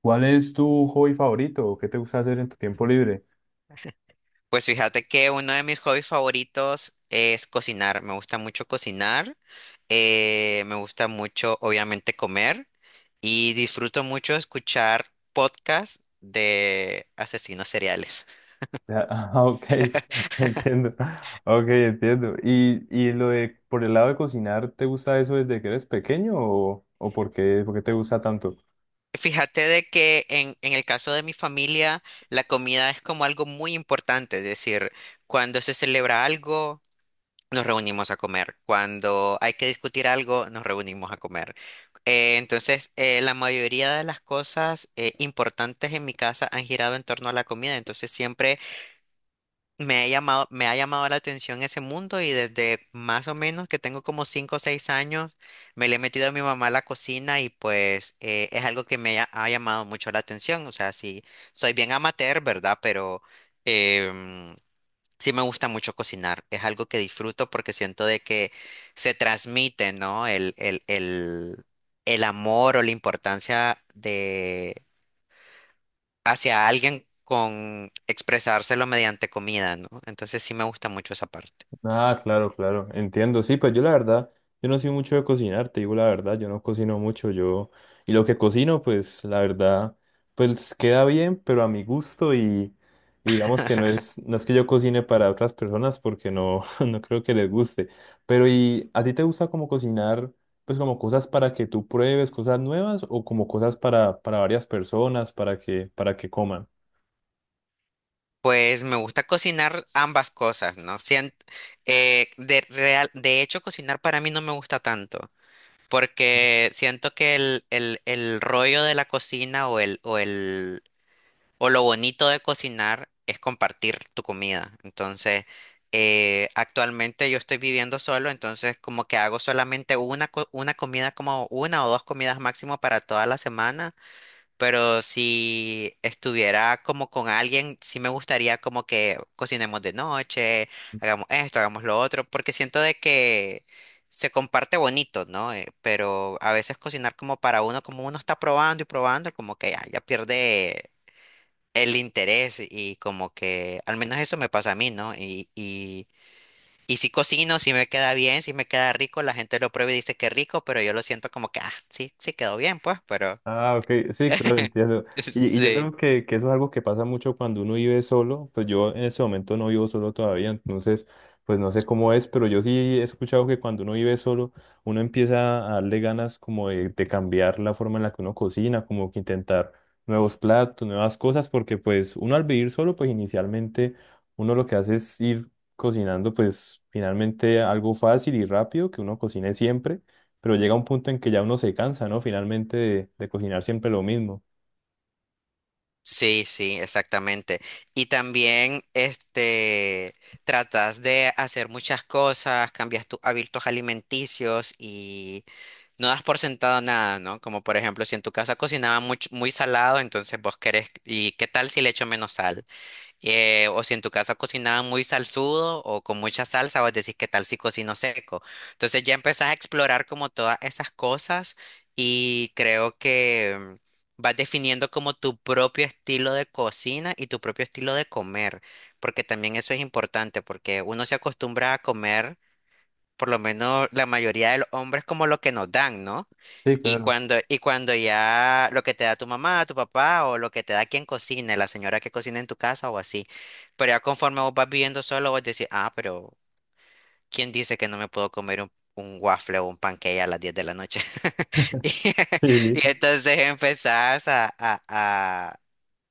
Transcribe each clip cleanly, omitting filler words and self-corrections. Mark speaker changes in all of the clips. Speaker 1: ¿Cuál es tu hobby favorito? ¿Qué te gusta hacer en tu tiempo libre?
Speaker 2: Pues fíjate que uno de mis hobbies favoritos es cocinar. Me gusta mucho cocinar, me gusta mucho obviamente comer y disfruto mucho escuchar podcasts de asesinos seriales.
Speaker 1: Ya, ah, ok, entiendo. Ok, entiendo. ¿Y lo de por el lado de cocinar, ¿te gusta eso desde que eres pequeño o por qué, ¿por qué te gusta tanto?
Speaker 2: Fíjate de que en el caso de mi familia, la comida es como algo muy importante, es decir, cuando se celebra algo, nos reunimos a comer. Cuando hay que discutir algo, nos reunimos a comer. Entonces, la mayoría de las cosas importantes en mi casa han girado en torno a la comida. Entonces, siempre me ha llamado la atención ese mundo y desde más o menos que tengo como 5 o 6 años, me le he metido a mi mamá a la cocina y pues es algo que ha llamado mucho la atención. O sea, sí, soy bien amateur, ¿verdad? Pero. em, Sí me gusta mucho cocinar, es algo que disfruto porque siento de que se transmite, ¿no? El amor o la importancia de hacia alguien con expresárselo mediante comida, ¿no? Entonces sí me gusta mucho esa parte.
Speaker 1: Ah, claro, claro, entiendo. Sí, pues yo la verdad, yo no soy mucho de cocinar, te digo la verdad, yo no cocino mucho, yo, y lo que cocino, pues la verdad, pues queda bien, pero a mi gusto y digamos que no es que yo cocine para otras personas porque no, no creo que les guste. Pero ¿y a ti te gusta como cocinar, pues como cosas para que tú pruebes, cosas nuevas o como cosas para varias personas, para que coman?
Speaker 2: Pues me gusta cocinar ambas cosas, ¿no? De hecho, cocinar para mí no me gusta tanto, porque siento que el rollo de la cocina o lo bonito de cocinar es compartir tu comida. Entonces, actualmente yo estoy viviendo solo, entonces como que hago solamente una comida, como una o dos comidas máximo para toda la semana. Pero si estuviera como con alguien, sí me gustaría como que cocinemos de noche, hagamos esto, hagamos lo otro, porque siento de que se comparte bonito, ¿no? Pero a veces cocinar como para uno, como uno está probando y probando, como que ya, ya pierde el interés y como que al menos eso me pasa a mí, ¿no? Y si cocino, si me queda bien, si me queda rico, la gente lo prueba y dice que rico, pero yo lo siento como que, ah, sí, sí quedó bien, pues, pero.
Speaker 1: Ah, ok, sí, claro, entiendo. Y yo
Speaker 2: Sí.
Speaker 1: creo que eso es algo que pasa mucho cuando uno vive solo. Pues yo en ese momento no vivo solo todavía, entonces, pues no sé cómo es, pero yo sí he escuchado que cuando uno vive solo, uno empieza a darle ganas como de cambiar la forma en la que uno cocina, como que intentar nuevos platos, nuevas cosas, porque pues uno al vivir solo, pues inicialmente uno lo que hace es ir cocinando, pues finalmente algo fácil y rápido que uno cocine siempre, pero llega un punto en que ya uno se cansa, ¿no? Finalmente de cocinar siempre lo mismo.
Speaker 2: Sí, sí, exactamente. Y también, este, tratas de hacer muchas cosas, cambias tus hábitos alimenticios y no das por sentado nada, ¿no? Como por ejemplo, si en tu casa cocinaba mucho, muy salado, entonces vos querés, ¿y qué tal si le echo menos sal? O si en tu casa cocinaban muy salsudo o con mucha salsa, vos decís qué tal si cocino seco. Entonces ya empezás a explorar como todas esas cosas y creo que vas definiendo como tu propio estilo de cocina y tu propio estilo de comer, porque también eso es importante, porque uno se acostumbra a comer, por lo menos la mayoría de los hombres, como lo que nos dan, ¿no?
Speaker 1: Sí,
Speaker 2: Y
Speaker 1: claro.
Speaker 2: cuando, y cuando ya lo que te da tu mamá, tu papá o lo que te da quien cocine, la señora que cocina en tu casa o así. Pero ya conforme vos vas viviendo solo, vos decís, ah, pero ¿quién dice que no me puedo comer un waffle o un pancake a las 10 de la noche? Y, y
Speaker 1: Sí.
Speaker 2: entonces empezás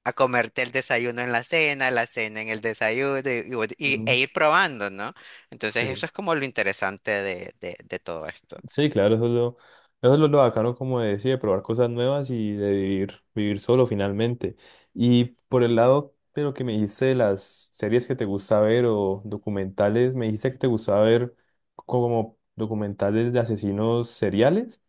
Speaker 2: a comerte el desayuno en la cena en el desayuno y, e
Speaker 1: Ujú.
Speaker 2: ir probando, ¿no? Entonces
Speaker 1: Sí,
Speaker 2: eso es como lo interesante de, de todo esto.
Speaker 1: sí, claro, eso es lo bacano, como decía, de probar cosas nuevas y de vivir, vivir solo finalmente. Y por el lado de lo que me dijiste de las series que te gusta ver o documentales, me dijiste que te gustaba ver como documentales de asesinos seriales.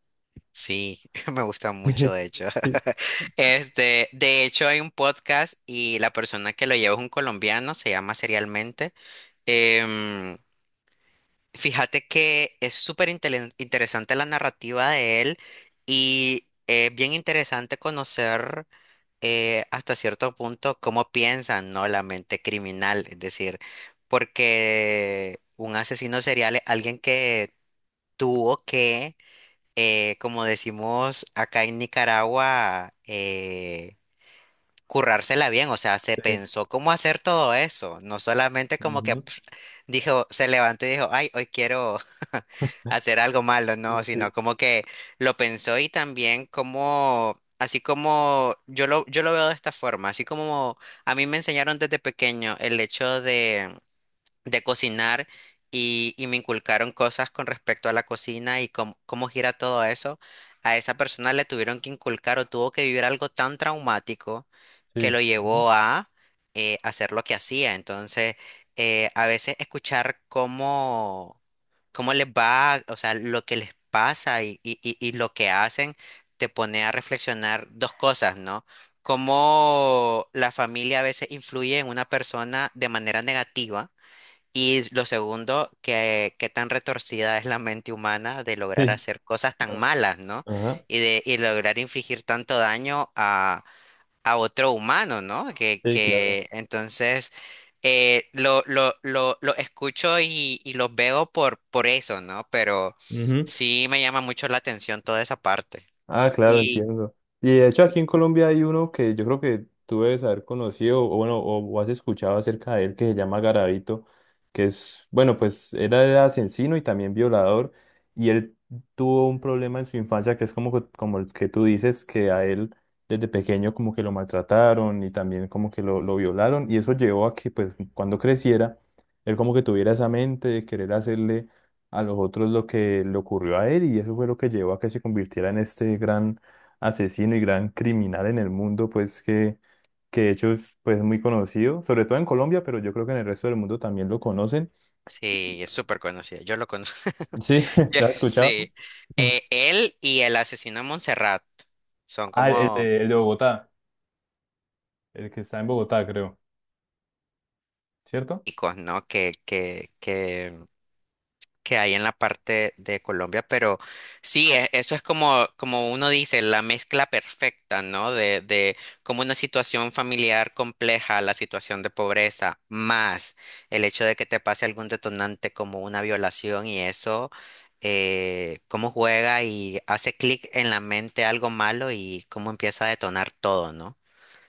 Speaker 2: Sí, me gusta mucho, de hecho.
Speaker 1: Sí,
Speaker 2: Este, de hecho, hay un podcast y la persona que lo lleva es un colombiano, se llama Serialmente. Em, Fíjate que es súper interesante la narrativa de él y es bien interesante conocer hasta cierto punto cómo piensan, ¿no? La mente criminal, es decir, porque un asesino serial es alguien que tuvo que como decimos acá en Nicaragua, currársela bien, o sea, se
Speaker 1: sí,
Speaker 2: pensó cómo hacer todo eso, no solamente como que pf, dijo, se levantó y dijo, ay, hoy quiero hacer algo malo,
Speaker 1: ujú,
Speaker 2: no, sino
Speaker 1: sí,
Speaker 2: como que lo pensó y también como, así como yo lo veo de esta forma, así como a mí me enseñaron desde pequeño el hecho de cocinar y me inculcaron cosas con respecto a la cocina y cómo gira todo eso, a esa persona le tuvieron que inculcar o tuvo que vivir algo tan traumático que
Speaker 1: sí,
Speaker 2: lo
Speaker 1: ujú,
Speaker 2: llevó a hacer lo que hacía. Entonces, a veces escuchar cómo, cómo les va, o sea, lo que les pasa y, y lo que hacen, te pone a reflexionar dos cosas, ¿no? Cómo la familia a veces influye en una persona de manera negativa y lo segundo, que qué tan retorcida es la mente humana de lograr
Speaker 1: sí,
Speaker 2: hacer cosas tan
Speaker 1: ah,
Speaker 2: malas, ¿no?
Speaker 1: ajá,
Speaker 2: Y lograr infligir tanto daño a otro humano, ¿no?
Speaker 1: sí, claro.
Speaker 2: Que entonces lo escucho y los veo por eso, ¿no? Pero
Speaker 1: Ujú.
Speaker 2: sí me llama mucho la atención toda esa parte.
Speaker 1: Ah, claro,
Speaker 2: Y,
Speaker 1: entiendo. Y de hecho aquí en Colombia hay uno que yo creo que tú debes haber conocido o bueno, o has escuchado acerca de él que se llama Garavito, que es, bueno, pues él era asesino y también violador y él tuvo un problema en su infancia que es como, que- como el que tú dices, que a él desde pequeño como que lo maltrataron y también como que lo violaron y eso llevó a que pues cuando creciera, él como que tuviera esa mente de querer hacerle a los otros lo que le ocurrió a él y eso fue lo que llevó a que se convirtiera en este gran asesino y gran criminal en el mundo, pues que de hecho es, pues, muy conocido, sobre todo en Colombia, pero yo creo que en el resto del mundo también lo conocen.
Speaker 2: Sí, es súper conocido. Yo lo conozco.
Speaker 1: Sí, ¿lo has escuchado?
Speaker 2: Sí.
Speaker 1: Ujú.
Speaker 2: Él y el asesino de Montserrat son
Speaker 1: Ah,
Speaker 2: como
Speaker 1: el de Bogotá, el que está en Bogotá, creo, ¿cierto?
Speaker 2: icos, ¿no? Que hay en la parte de Colombia, pero sí, eso es como, como uno dice, la mezcla perfecta, ¿no? De como una situación familiar compleja, la situación de pobreza, más el hecho de que te pase algún detonante como una violación y eso, cómo juega y hace clic en la mente algo malo y cómo empieza a detonar todo, ¿no?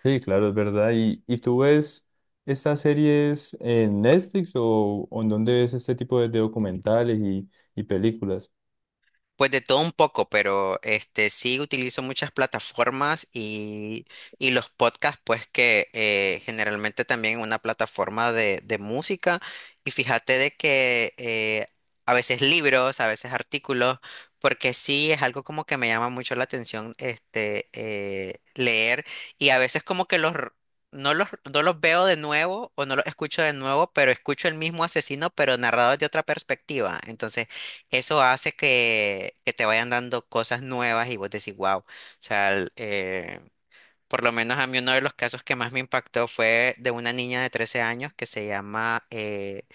Speaker 1: Sí, claro, es verdad. Y tú ves estas series en Netflix o en dónde ves este tipo de documentales y películas?
Speaker 2: Pues de todo un poco, pero este sí utilizo muchas plataformas y los podcasts, pues que generalmente también una plataforma de música. Y fíjate de que a veces libros, a veces artículos, porque sí es algo como que me llama mucho la atención este leer. Y a veces como que los r- no los, no los veo de nuevo o no los escucho de nuevo, pero escucho el mismo asesino, pero narrado de otra perspectiva. Entonces eso hace que te vayan dando cosas nuevas y vos decís, wow. O sea, por lo menos a mí uno de los casos que más me impactó fue de una niña de 13 años que se llama,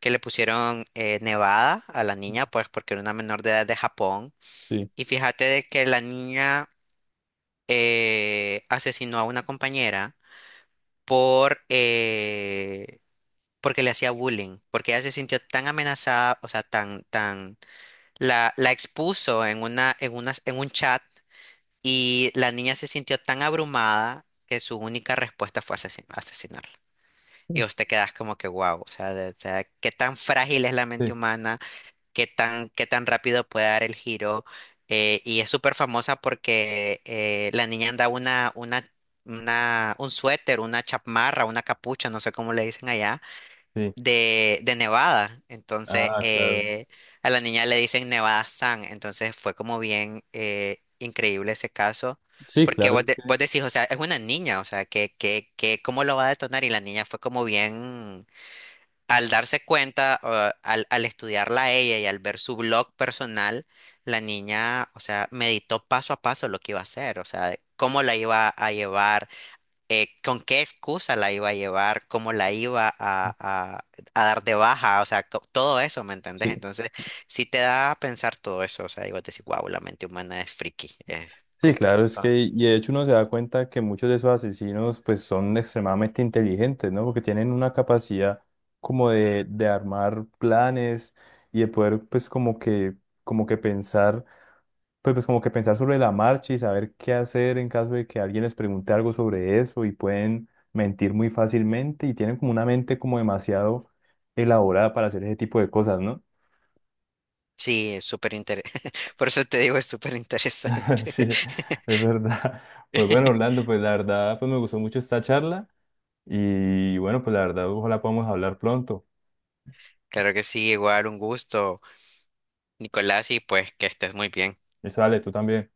Speaker 2: que le pusieron Nevada a la niña, pues porque era una menor de edad de Japón.
Speaker 1: Sí.
Speaker 2: Y fíjate de que la niña asesinó a una compañera por, porque le hacía bullying, porque ella se sintió tan amenazada, o sea, tan la expuso en una, en un chat y la niña se sintió tan abrumada que su única respuesta fue asesinarla. Y vos te quedás como que wow, o sea, o sea, qué tan frágil es la mente
Speaker 1: Sí,
Speaker 2: humana, qué tan rápido puede dar el giro. Y es súper famosa porque la niña anda un suéter, una chamarra, una capucha, no sé cómo le dicen allá
Speaker 1: sí.
Speaker 2: de Nevada. Entonces,
Speaker 1: Ah, claro.
Speaker 2: a la niña le dicen Nevada San. Entonces, fue como bien increíble ese caso.
Speaker 1: Sí,
Speaker 2: Porque
Speaker 1: claro,
Speaker 2: vos,
Speaker 1: es que,
Speaker 2: vos decís, o sea, es una niña, o sea, que, ¿cómo lo va a detonar? Y la niña fue como bien, al darse cuenta, o al estudiarla a ella y al ver su blog personal, la niña, o sea, meditó paso a paso lo que iba a hacer, o sea, de cómo la iba a llevar con qué excusa la iba a llevar, cómo la iba a- a dar de baja, o sea, todo eso, ¿me entendés?
Speaker 1: sí,
Speaker 2: Entonces, sí te da a pensar todo eso, o sea, y vos decís, wow, la mente humana es friki,
Speaker 1: sí,
Speaker 2: comple-
Speaker 1: claro, es
Speaker 2: co-
Speaker 1: que, y de hecho uno se da cuenta que muchos de esos asesinos pues son extremadamente inteligentes, ¿no? Porque tienen una capacidad como de armar planes y de poder pues como que pensar, pues, pues como que pensar sobre la marcha y saber qué hacer en caso de que alguien les pregunte algo sobre eso y pueden mentir muy fácilmente y tienen como una mente como demasiado elaborada para hacer ese tipo de cosas, ¿no?
Speaker 2: Sí, es súper interesante. Por eso te digo, es súper interesante.
Speaker 1: Sí, es verdad. Pues bueno, Orlando, pues la verdad, pues me gustó mucho esta charla y bueno, pues la verdad, ojalá podamos hablar pronto.
Speaker 2: Claro que sí, igual un gusto, Nicolás, y pues que estés muy bien.
Speaker 1: Eso, dale, tú también.